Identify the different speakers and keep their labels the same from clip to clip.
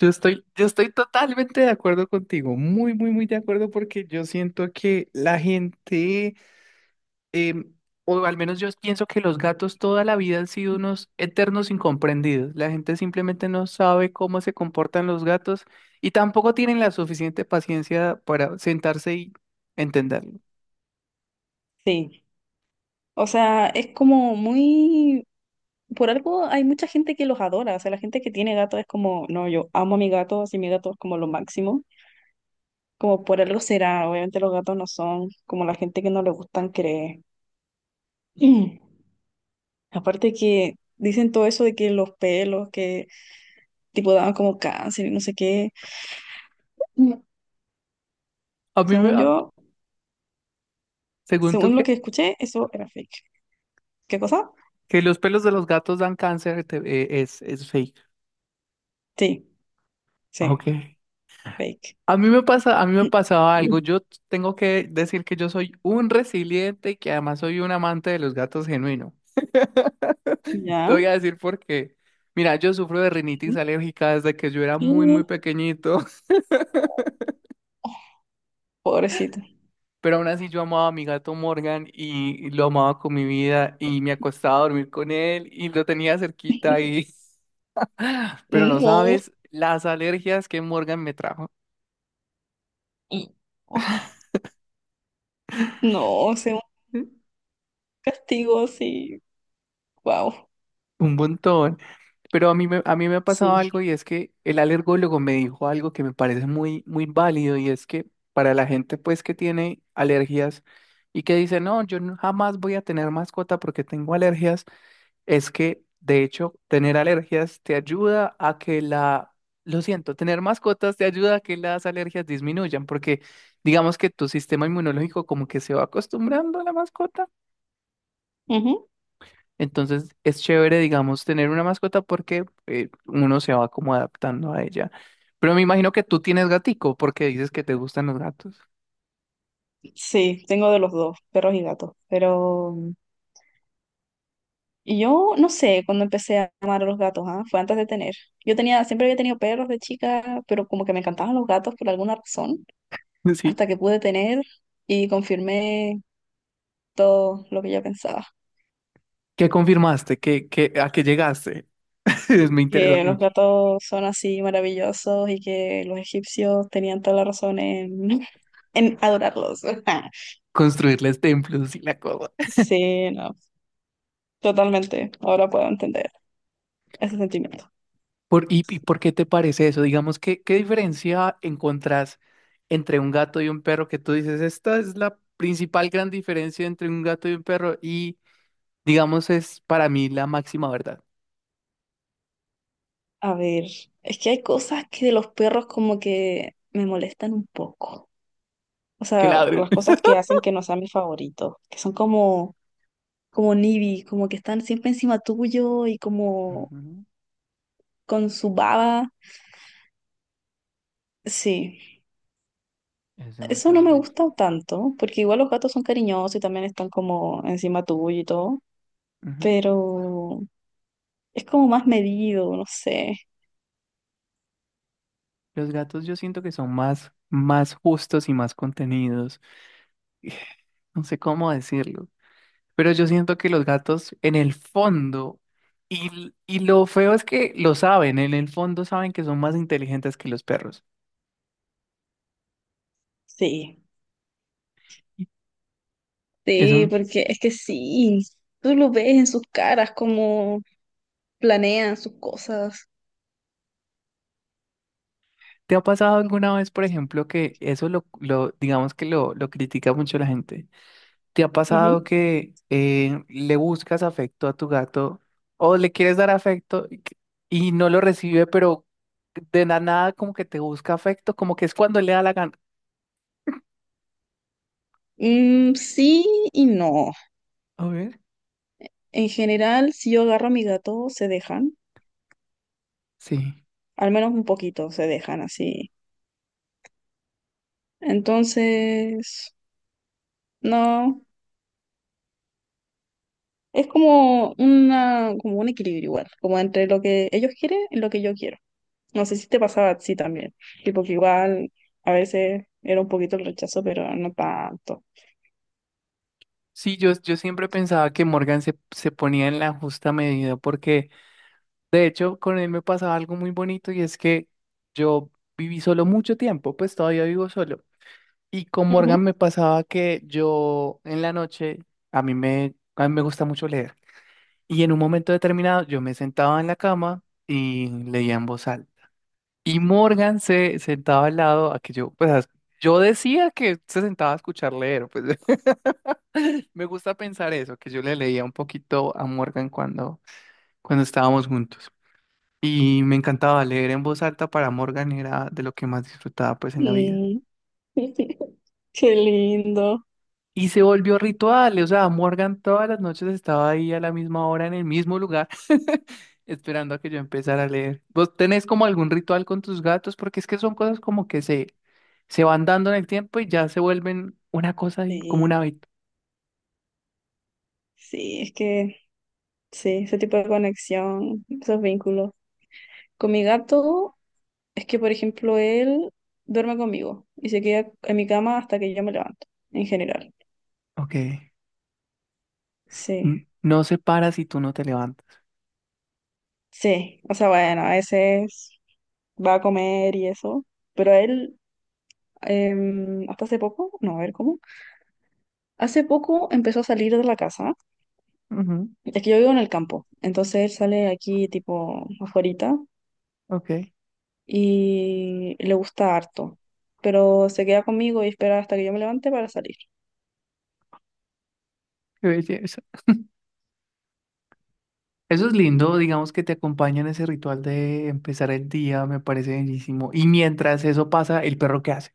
Speaker 1: Yo estoy totalmente de acuerdo contigo, muy, muy, muy de acuerdo porque yo siento que la gente, em, o al menos yo pienso que los gatos toda la vida han sido unos eternos incomprendidos. La gente simplemente no sabe cómo se comportan los gatos y tampoco tienen la suficiente paciencia para sentarse y entenderlo.
Speaker 2: Sí, o sea, es como muy... Por algo hay mucha gente que los adora, o sea, la gente que tiene gato es como, no, yo amo a mi gato, así mi gato es como lo máximo, como por algo será, obviamente los gatos no son como la gente que no le gustan cree. Aparte que dicen todo eso de que los pelos, que tipo daban como cáncer y no sé qué. Mm.
Speaker 1: A mí me,
Speaker 2: Según
Speaker 1: da-
Speaker 2: yo,
Speaker 1: ¿Según tú
Speaker 2: según lo
Speaker 1: qué?
Speaker 2: que escuché, eso era fake. ¿Qué cosa?
Speaker 1: Que los pelos de los gatos dan cáncer, es fake.
Speaker 2: Sí, sí,
Speaker 1: Ok.
Speaker 2: fake.
Speaker 1: A mí me pasa, a mí me pasaba algo.
Speaker 2: Mm.
Speaker 1: Yo tengo que decir que yo soy un resiliente y que además soy un amante de los gatos genuino. Te
Speaker 2: Ya.
Speaker 1: voy a decir por qué. Mira, yo sufro de
Speaker 2: Ujú.
Speaker 1: rinitis alérgica desde que yo era muy,
Speaker 2: Y-
Speaker 1: muy pequeñito,
Speaker 2: Pobrecito.
Speaker 1: pero aún así yo amaba a mi gato Morgan y lo amaba con mi vida y me acostaba a dormir con él y lo tenía cerquita y... Pero no
Speaker 2: No,
Speaker 1: sabes las alergias que Morgan me trajo.
Speaker 2: y- no, o sea, un castigo así, wow.
Speaker 1: Un montón. Pero a mí me ha pasado
Speaker 2: Sí.
Speaker 1: algo y es que el alergólogo me dijo algo que me parece muy, muy válido y es que para la gente pues que tiene alergias y que dice, no, yo jamás voy a tener mascota porque tengo alergias, es que de hecho tener alergias te ayuda a que la, lo siento, tener mascotas te ayuda a que las alergias disminuyan porque digamos que tu sistema inmunológico como que se va acostumbrando a la mascota.
Speaker 2: Ujú.
Speaker 1: Entonces es chévere, digamos, tener una mascota porque uno se va como adaptando a ella. Pero me imagino que tú tienes gatico porque dices que te gustan los gatos.
Speaker 2: Sí, tengo de los dos, perros y gatos. Pero y yo no sé cuando empecé a amar a los gatos, ¿ah? Fue antes de tener. Yo tenía, siempre había tenido perros de chica, pero como que me encantaban los gatos por alguna razón,
Speaker 1: Sí.
Speaker 2: hasta que pude tener y confirmé todo lo que yo pensaba.
Speaker 1: ¿Qué confirmaste? ¿A qué llegaste? Me interesa
Speaker 2: Que los
Speaker 1: mucho
Speaker 2: gatos son así maravillosos y que los egipcios tenían toda la razón en, en adorarlos.
Speaker 1: construirles templos y la cosa.
Speaker 2: Sí, no, totalmente. Ahora puedo entender ese sentimiento.
Speaker 1: Por, y por qué te parece eso? Digamos, ¿qué diferencia encontrás entre un gato y un perro que tú dices, esta es la principal gran diferencia entre un gato y un perro y, digamos, es para mí la máxima verdad?
Speaker 2: A ver, es que hay cosas que de los perros como que me molestan un poco. O
Speaker 1: Que
Speaker 2: sea,
Speaker 1: ladren.
Speaker 2: las cosas que hacen que no sean mis favoritos, que son como, como nibi, como que están siempre encima tuyo y como
Speaker 1: Ujú.
Speaker 2: con su baba. Sí,
Speaker 1: Es
Speaker 2: eso
Speaker 1: demasiado
Speaker 2: no me
Speaker 1: horrible.
Speaker 2: gusta tanto, porque igual los gatos son cariñosos y también están como encima tuyo y todo,
Speaker 1: Ujú.
Speaker 2: pero es como más medido, no sé.
Speaker 1: Los gatos yo siento que son más, más justos y más contenidos. No sé cómo decirlo. Pero yo siento que los gatos en el fondo, y lo feo es que lo saben, en el fondo saben que son más inteligentes que los perros.
Speaker 2: Sí. Sí,
Speaker 1: Eso,
Speaker 2: porque es que sí, tú lo ves en sus caras, cómo planean sus cosas.
Speaker 1: ¿te ha pasado alguna vez, por ejemplo, que eso lo digamos que lo critica mucho la gente? ¿Te ha pasado
Speaker 2: Ujú.
Speaker 1: que le buscas afecto a tu gato o le quieres dar afecto y no lo recibe, pero de la nada como que te busca afecto, como que es cuando le da la gana?
Speaker 2: Mm, sí y no.
Speaker 1: A ver.
Speaker 2: En general, si yo agarro a mi gato, se dejan,
Speaker 1: Sí.
Speaker 2: al menos un poquito, se dejan así. Entonces, no, es como una, como un equilibrio igual, como entre lo que ellos quieren y lo que yo quiero. No sé si te pasaba a ti también, tipo que igual a veces era un poquito el rechazo, pero no tanto.
Speaker 1: Sí, yo siempre pensaba que Morgan se ponía en la justa medida porque de hecho con él me pasaba algo muy bonito y es que yo viví solo mucho tiempo, pues todavía vivo solo. Y con Morgan
Speaker 2: Ujú.
Speaker 1: me pasaba que yo en la noche, a mí me gusta mucho leer. Y en un momento determinado yo me sentaba en la cama y leía en voz alta. Y Morgan se sentaba al lado a que yo decía que se sentaba a escuchar leer, pues me gusta pensar eso, que yo le leía un poquito a Morgan cuando estábamos juntos. Y me encantaba leer en voz alta para Morgan, era de lo que más disfrutaba pues en la vida.
Speaker 2: Qué lindo.
Speaker 1: Y se volvió ritual, o sea, Morgan todas las noches estaba ahí a la misma hora en el mismo lugar, esperando a que yo empezara a leer. ¿Vos tenés como algún ritual con tus gatos? Porque es que son cosas como que se van dando en el tiempo y ya se vuelven una cosa ahí, como un
Speaker 2: Sí,
Speaker 1: hábito.
Speaker 2: sí, es que sí, ese tipo de conexión, esos vínculos. Con mi gato, es que, por ejemplo, él duerme conmigo y se queda en mi cama hasta que yo me levanto, en general.
Speaker 1: Ok.
Speaker 2: Sí,
Speaker 1: No se para si tú no te levantas.
Speaker 2: sí, o sea, bueno, a veces va a comer y eso, pero él, hasta hace poco, no, a ver cómo, hace poco empezó a salir de la casa,
Speaker 1: Ujú.
Speaker 2: es que yo vivo en el campo, entonces él sale aquí tipo afuera
Speaker 1: Ok, qué
Speaker 2: y le gusta harto, pero se queda conmigo y espera hasta que yo me levante para salir.
Speaker 1: belleza. Eso es lindo, digamos que te acompaña en ese ritual de empezar el día, me parece bellísimo. Y mientras eso pasa, ¿el perro qué hace?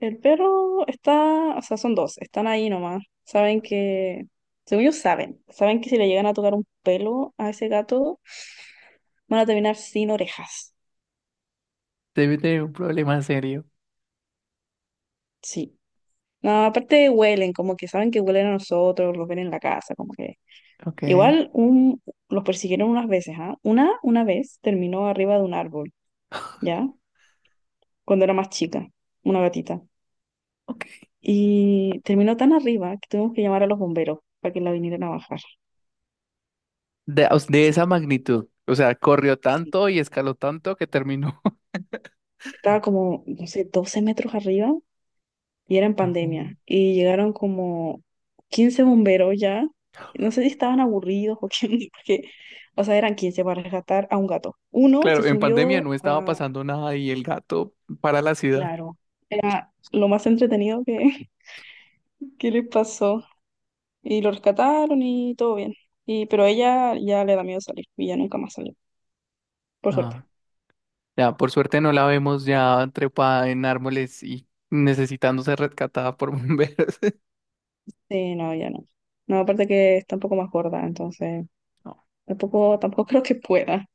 Speaker 2: El perro está, o sea, son dos, están ahí nomás. Saben que, según ellos saben, saben que si le llegan a tocar un pelo a ese gato, van a terminar sin orejas.
Speaker 1: Debe tener un problema serio.
Speaker 2: Sí. No, aparte huelen, como que saben que huelen a nosotros, los ven en la casa, como que...
Speaker 1: Ok,
Speaker 2: Igual un, los persiguieron unas veces, ¿ah? Una vez terminó arriba de un árbol, ¿ya? Cuando era más chica, una gatita.
Speaker 1: ok.
Speaker 2: Y terminó tan arriba que tuvimos que llamar a los bomberos para que la vinieran a bajar.
Speaker 1: De, o de esa
Speaker 2: Sí,
Speaker 1: magnitud. O sea, corrió
Speaker 2: sí.
Speaker 1: tanto y escaló tanto que terminó.
Speaker 2: Estaba como, no sé, 12 metros arriba y era en
Speaker 1: No.
Speaker 2: pandemia. Y llegaron como 15 bomberos ya. No sé si estaban aburridos o qué, porque, o sea, eran 15 para rescatar a un gato. Uno se
Speaker 1: Claro, en pandemia
Speaker 2: subió
Speaker 1: no estaba
Speaker 2: a,
Speaker 1: pasando nada y el gato para la ciudad.
Speaker 2: claro, era lo más entretenido que, que les pasó. Y lo rescataron y todo bien. Y, pero ella ya le da miedo salir y ya nunca más salió, por suerte.
Speaker 1: Ah, ya, por suerte no la vemos ya trepada en árboles y necesitando ser rescatada por bomberos.
Speaker 2: Sí, no, ya no. No, aparte que está un poco más gorda, entonces
Speaker 1: No,
Speaker 2: tampoco, tampoco creo que pueda.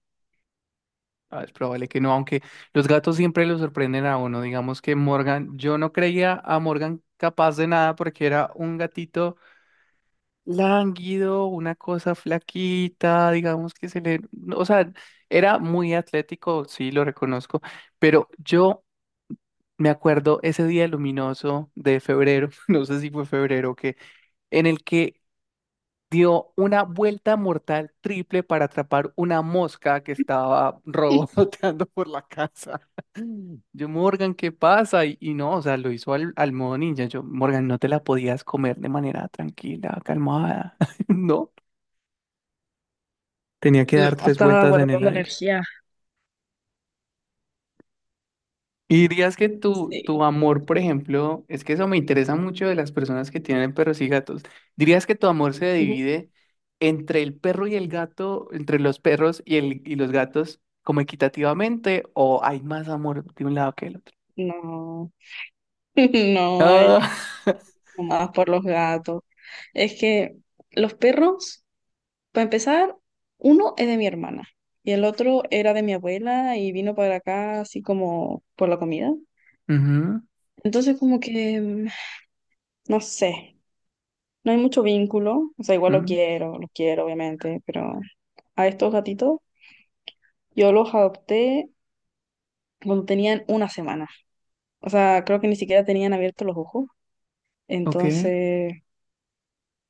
Speaker 1: ah, es probable que no, aunque los gatos siempre lo sorprenden a uno. Digamos que Morgan, yo no creía a Morgan capaz de nada porque era un gatito lánguido, una cosa flaquita, digamos que se le, no, o sea, era muy atlético, sí, lo reconozco, pero yo me acuerdo ese día luminoso de febrero, no sé si fue febrero o qué, en el que dio una vuelta mortal triple para atrapar una mosca que estaba revoloteando por la casa. Yo, Morgan, ¿qué pasa? Y no, o sea, lo hizo al modo ninja. Yo, Morgan, no te la podías comer de manera tranquila, calmada, ¿no? Tenía que
Speaker 2: No,
Speaker 1: dar tres
Speaker 2: estaba
Speaker 1: vueltas en el
Speaker 2: guardando
Speaker 1: aire.
Speaker 2: energía.
Speaker 1: Y dirías que tu,
Speaker 2: Sí.
Speaker 1: tu amor, por ejemplo, es que eso me interesa mucho de las personas que tienen perros y gatos. ¿Dirías que tu amor se
Speaker 2: Ujú.
Speaker 1: divide entre el perro y el gato, entre los perros y los gatos, como equitativamente, o hay más amor de un lado que del otro?
Speaker 2: No, no hay
Speaker 1: Ah,
Speaker 2: más por los gatos. Es que los perros, para empezar, uno es de mi hermana y el otro era de mi abuela y vino para acá así como por la comida.
Speaker 1: ujú,
Speaker 2: Entonces como que, no sé, no hay mucho vínculo. O sea, igual
Speaker 1: mm,
Speaker 2: lo quiero obviamente, pero a estos gatitos yo los adopté cuando tenían una semana. O sea, creo que ni siquiera tenían abiertos los ojos.
Speaker 1: ok.
Speaker 2: Entonces,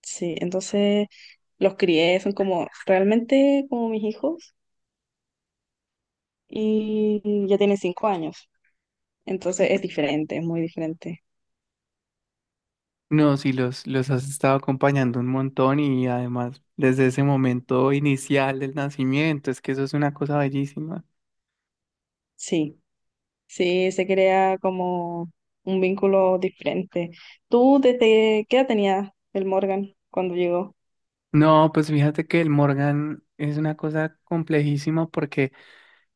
Speaker 2: sí, entonces los crié, son como realmente como mis hijos y ya tienen 5 años. Entonces es diferente, es muy diferente.
Speaker 1: No, sí, los has estado acompañando un montón y además desde ese momento inicial del nacimiento, es que eso es una cosa bellísima.
Speaker 2: Sí, sí, se crea como un vínculo diferente. ¿Tú desde qué edad tenía el Morgan cuando llegó?
Speaker 1: No, pues fíjate que el Morgan es una cosa complejísima porque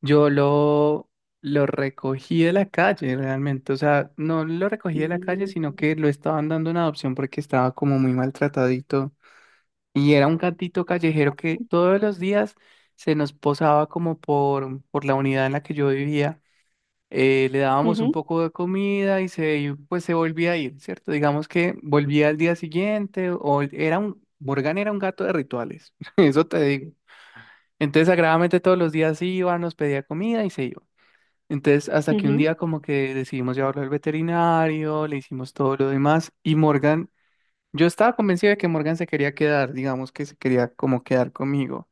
Speaker 1: yo lo recogí de la calle realmente. O sea, no lo recogí de la calle, sino
Speaker 2: Mm,
Speaker 1: que lo estaban dando una adopción porque estaba como muy maltratadito. Y era un gatito callejero que todos los días se nos posaba como por la unidad en la que yo vivía le dábamos un
Speaker 2: ujú,
Speaker 1: poco de comida y se, pues se volvía a ir, ¿cierto? Digamos que volvía al día siguiente o Morgan era un gato de rituales, eso te digo. Entonces, sagradamente todos los días iba, nos pedía comida y se iba. Entonces, hasta que un
Speaker 2: ujú,
Speaker 1: día como que decidimos llevarlo al veterinario, le hicimos todo lo demás y Morgan, yo estaba convencido de que Morgan se quería quedar, digamos que se quería como quedar conmigo.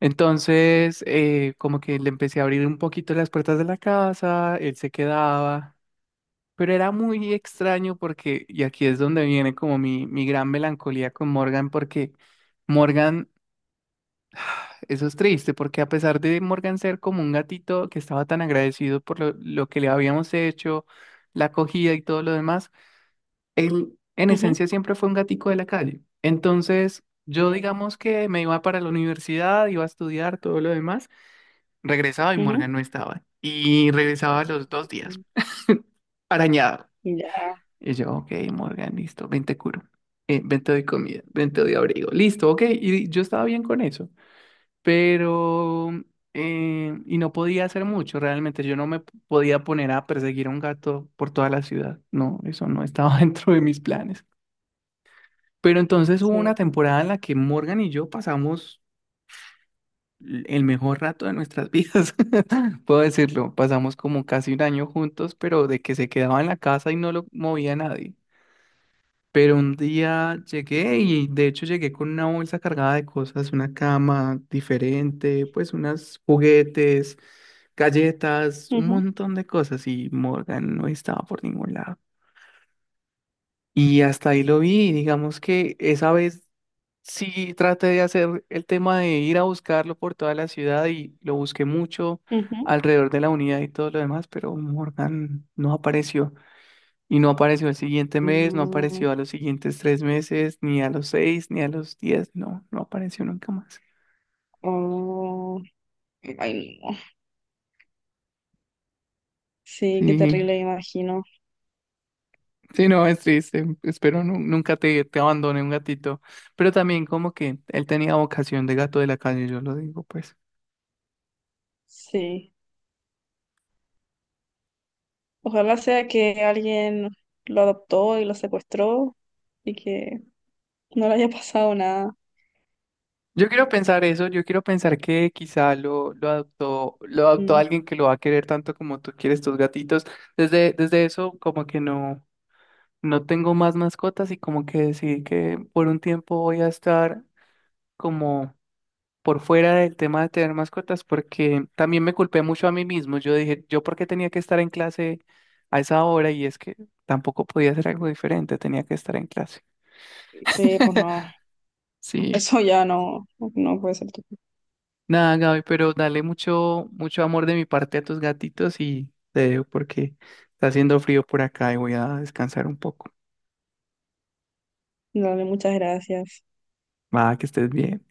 Speaker 1: Entonces, como que le empecé a abrir un poquito las puertas de la casa, él se quedaba, pero era muy extraño porque, y aquí es donde viene como mi gran melancolía con Morgan, porque Morgan, eso es triste, porque a pesar de Morgan ser como un gatito que estaba tan agradecido por lo que le habíamos hecho, la acogida y todo lo demás, él en
Speaker 2: ujú,
Speaker 1: esencia siempre fue un gatico de la calle. Entonces, yo
Speaker 2: mm,
Speaker 1: digamos que me iba para la universidad, iba a estudiar, todo lo demás, regresaba y Morgan
Speaker 2: ujú.
Speaker 1: no estaba. Y regresaba a los dos días,
Speaker 2: Mm.
Speaker 1: arañado.
Speaker 2: Ya.
Speaker 1: Y yo, ok, Morgan, listo, ven te curo. Ven te doy comida, ven te doy abrigo. Listo, ok. Y yo estaba bien con eso. Pero, y no podía hacer mucho, realmente. Yo no me podía poner a perseguir a un gato por toda la ciudad. No, eso no estaba dentro de mis planes. Pero entonces hubo una
Speaker 2: Sí.
Speaker 1: temporada en la que Morgan y yo pasamos el mejor rato de nuestras vidas. Puedo decirlo, pasamos como casi un año juntos, pero de que se quedaba en la casa y no lo movía nadie. Pero un día llegué y de hecho llegué con una bolsa cargada de cosas, una cama diferente, pues unos juguetes, galletas, un
Speaker 2: Ujú,
Speaker 1: montón de cosas y Morgan no estaba por ningún lado. Y hasta ahí lo vi, y digamos que esa vez sí traté de hacer el tema de ir a buscarlo por toda la ciudad y lo busqué mucho
Speaker 2: ujú.
Speaker 1: alrededor de la unidad y todo lo demás, pero Morgan no apareció. Y no apareció el siguiente mes, no
Speaker 2: Mm,
Speaker 1: apareció a los siguientes tres meses, ni a los seis, ni a los diez, no, no apareció nunca más.
Speaker 2: oh, ay, no. Sí, qué
Speaker 1: Sí,
Speaker 2: terrible, me imagino.
Speaker 1: sí, no, es triste. Espero nunca te, te abandone un gatito. Pero también como que él tenía vocación de gato de la calle, yo lo digo, pues.
Speaker 2: Sí. Ojalá sea que alguien lo adoptó y lo secuestró y que no le haya pasado nada.
Speaker 1: Yo quiero pensar eso, yo quiero pensar que quizá lo adoptó
Speaker 2: Mm,
Speaker 1: alguien que lo va a querer tanto como tú quieres tus gatitos. Desde eso, como que no tengo más mascotas y como que decidí que por un tiempo voy a estar como por fuera del tema de tener mascotas, porque también me culpé mucho a mí mismo. Yo dije, ¿yo por qué tenía que estar en clase a esa hora? Y es que tampoco podía hacer algo diferente, tenía que estar en clase.
Speaker 2: sí, pues no.
Speaker 1: Sí,
Speaker 2: Eso ya no, no puede ser.
Speaker 1: nada, Gaby, pero dale mucho, mucho amor de mi parte a tus gatitos y te dejo porque está haciendo frío por acá y voy a descansar un poco.
Speaker 2: Dale, muchas gracias.
Speaker 1: Va, que estés bien.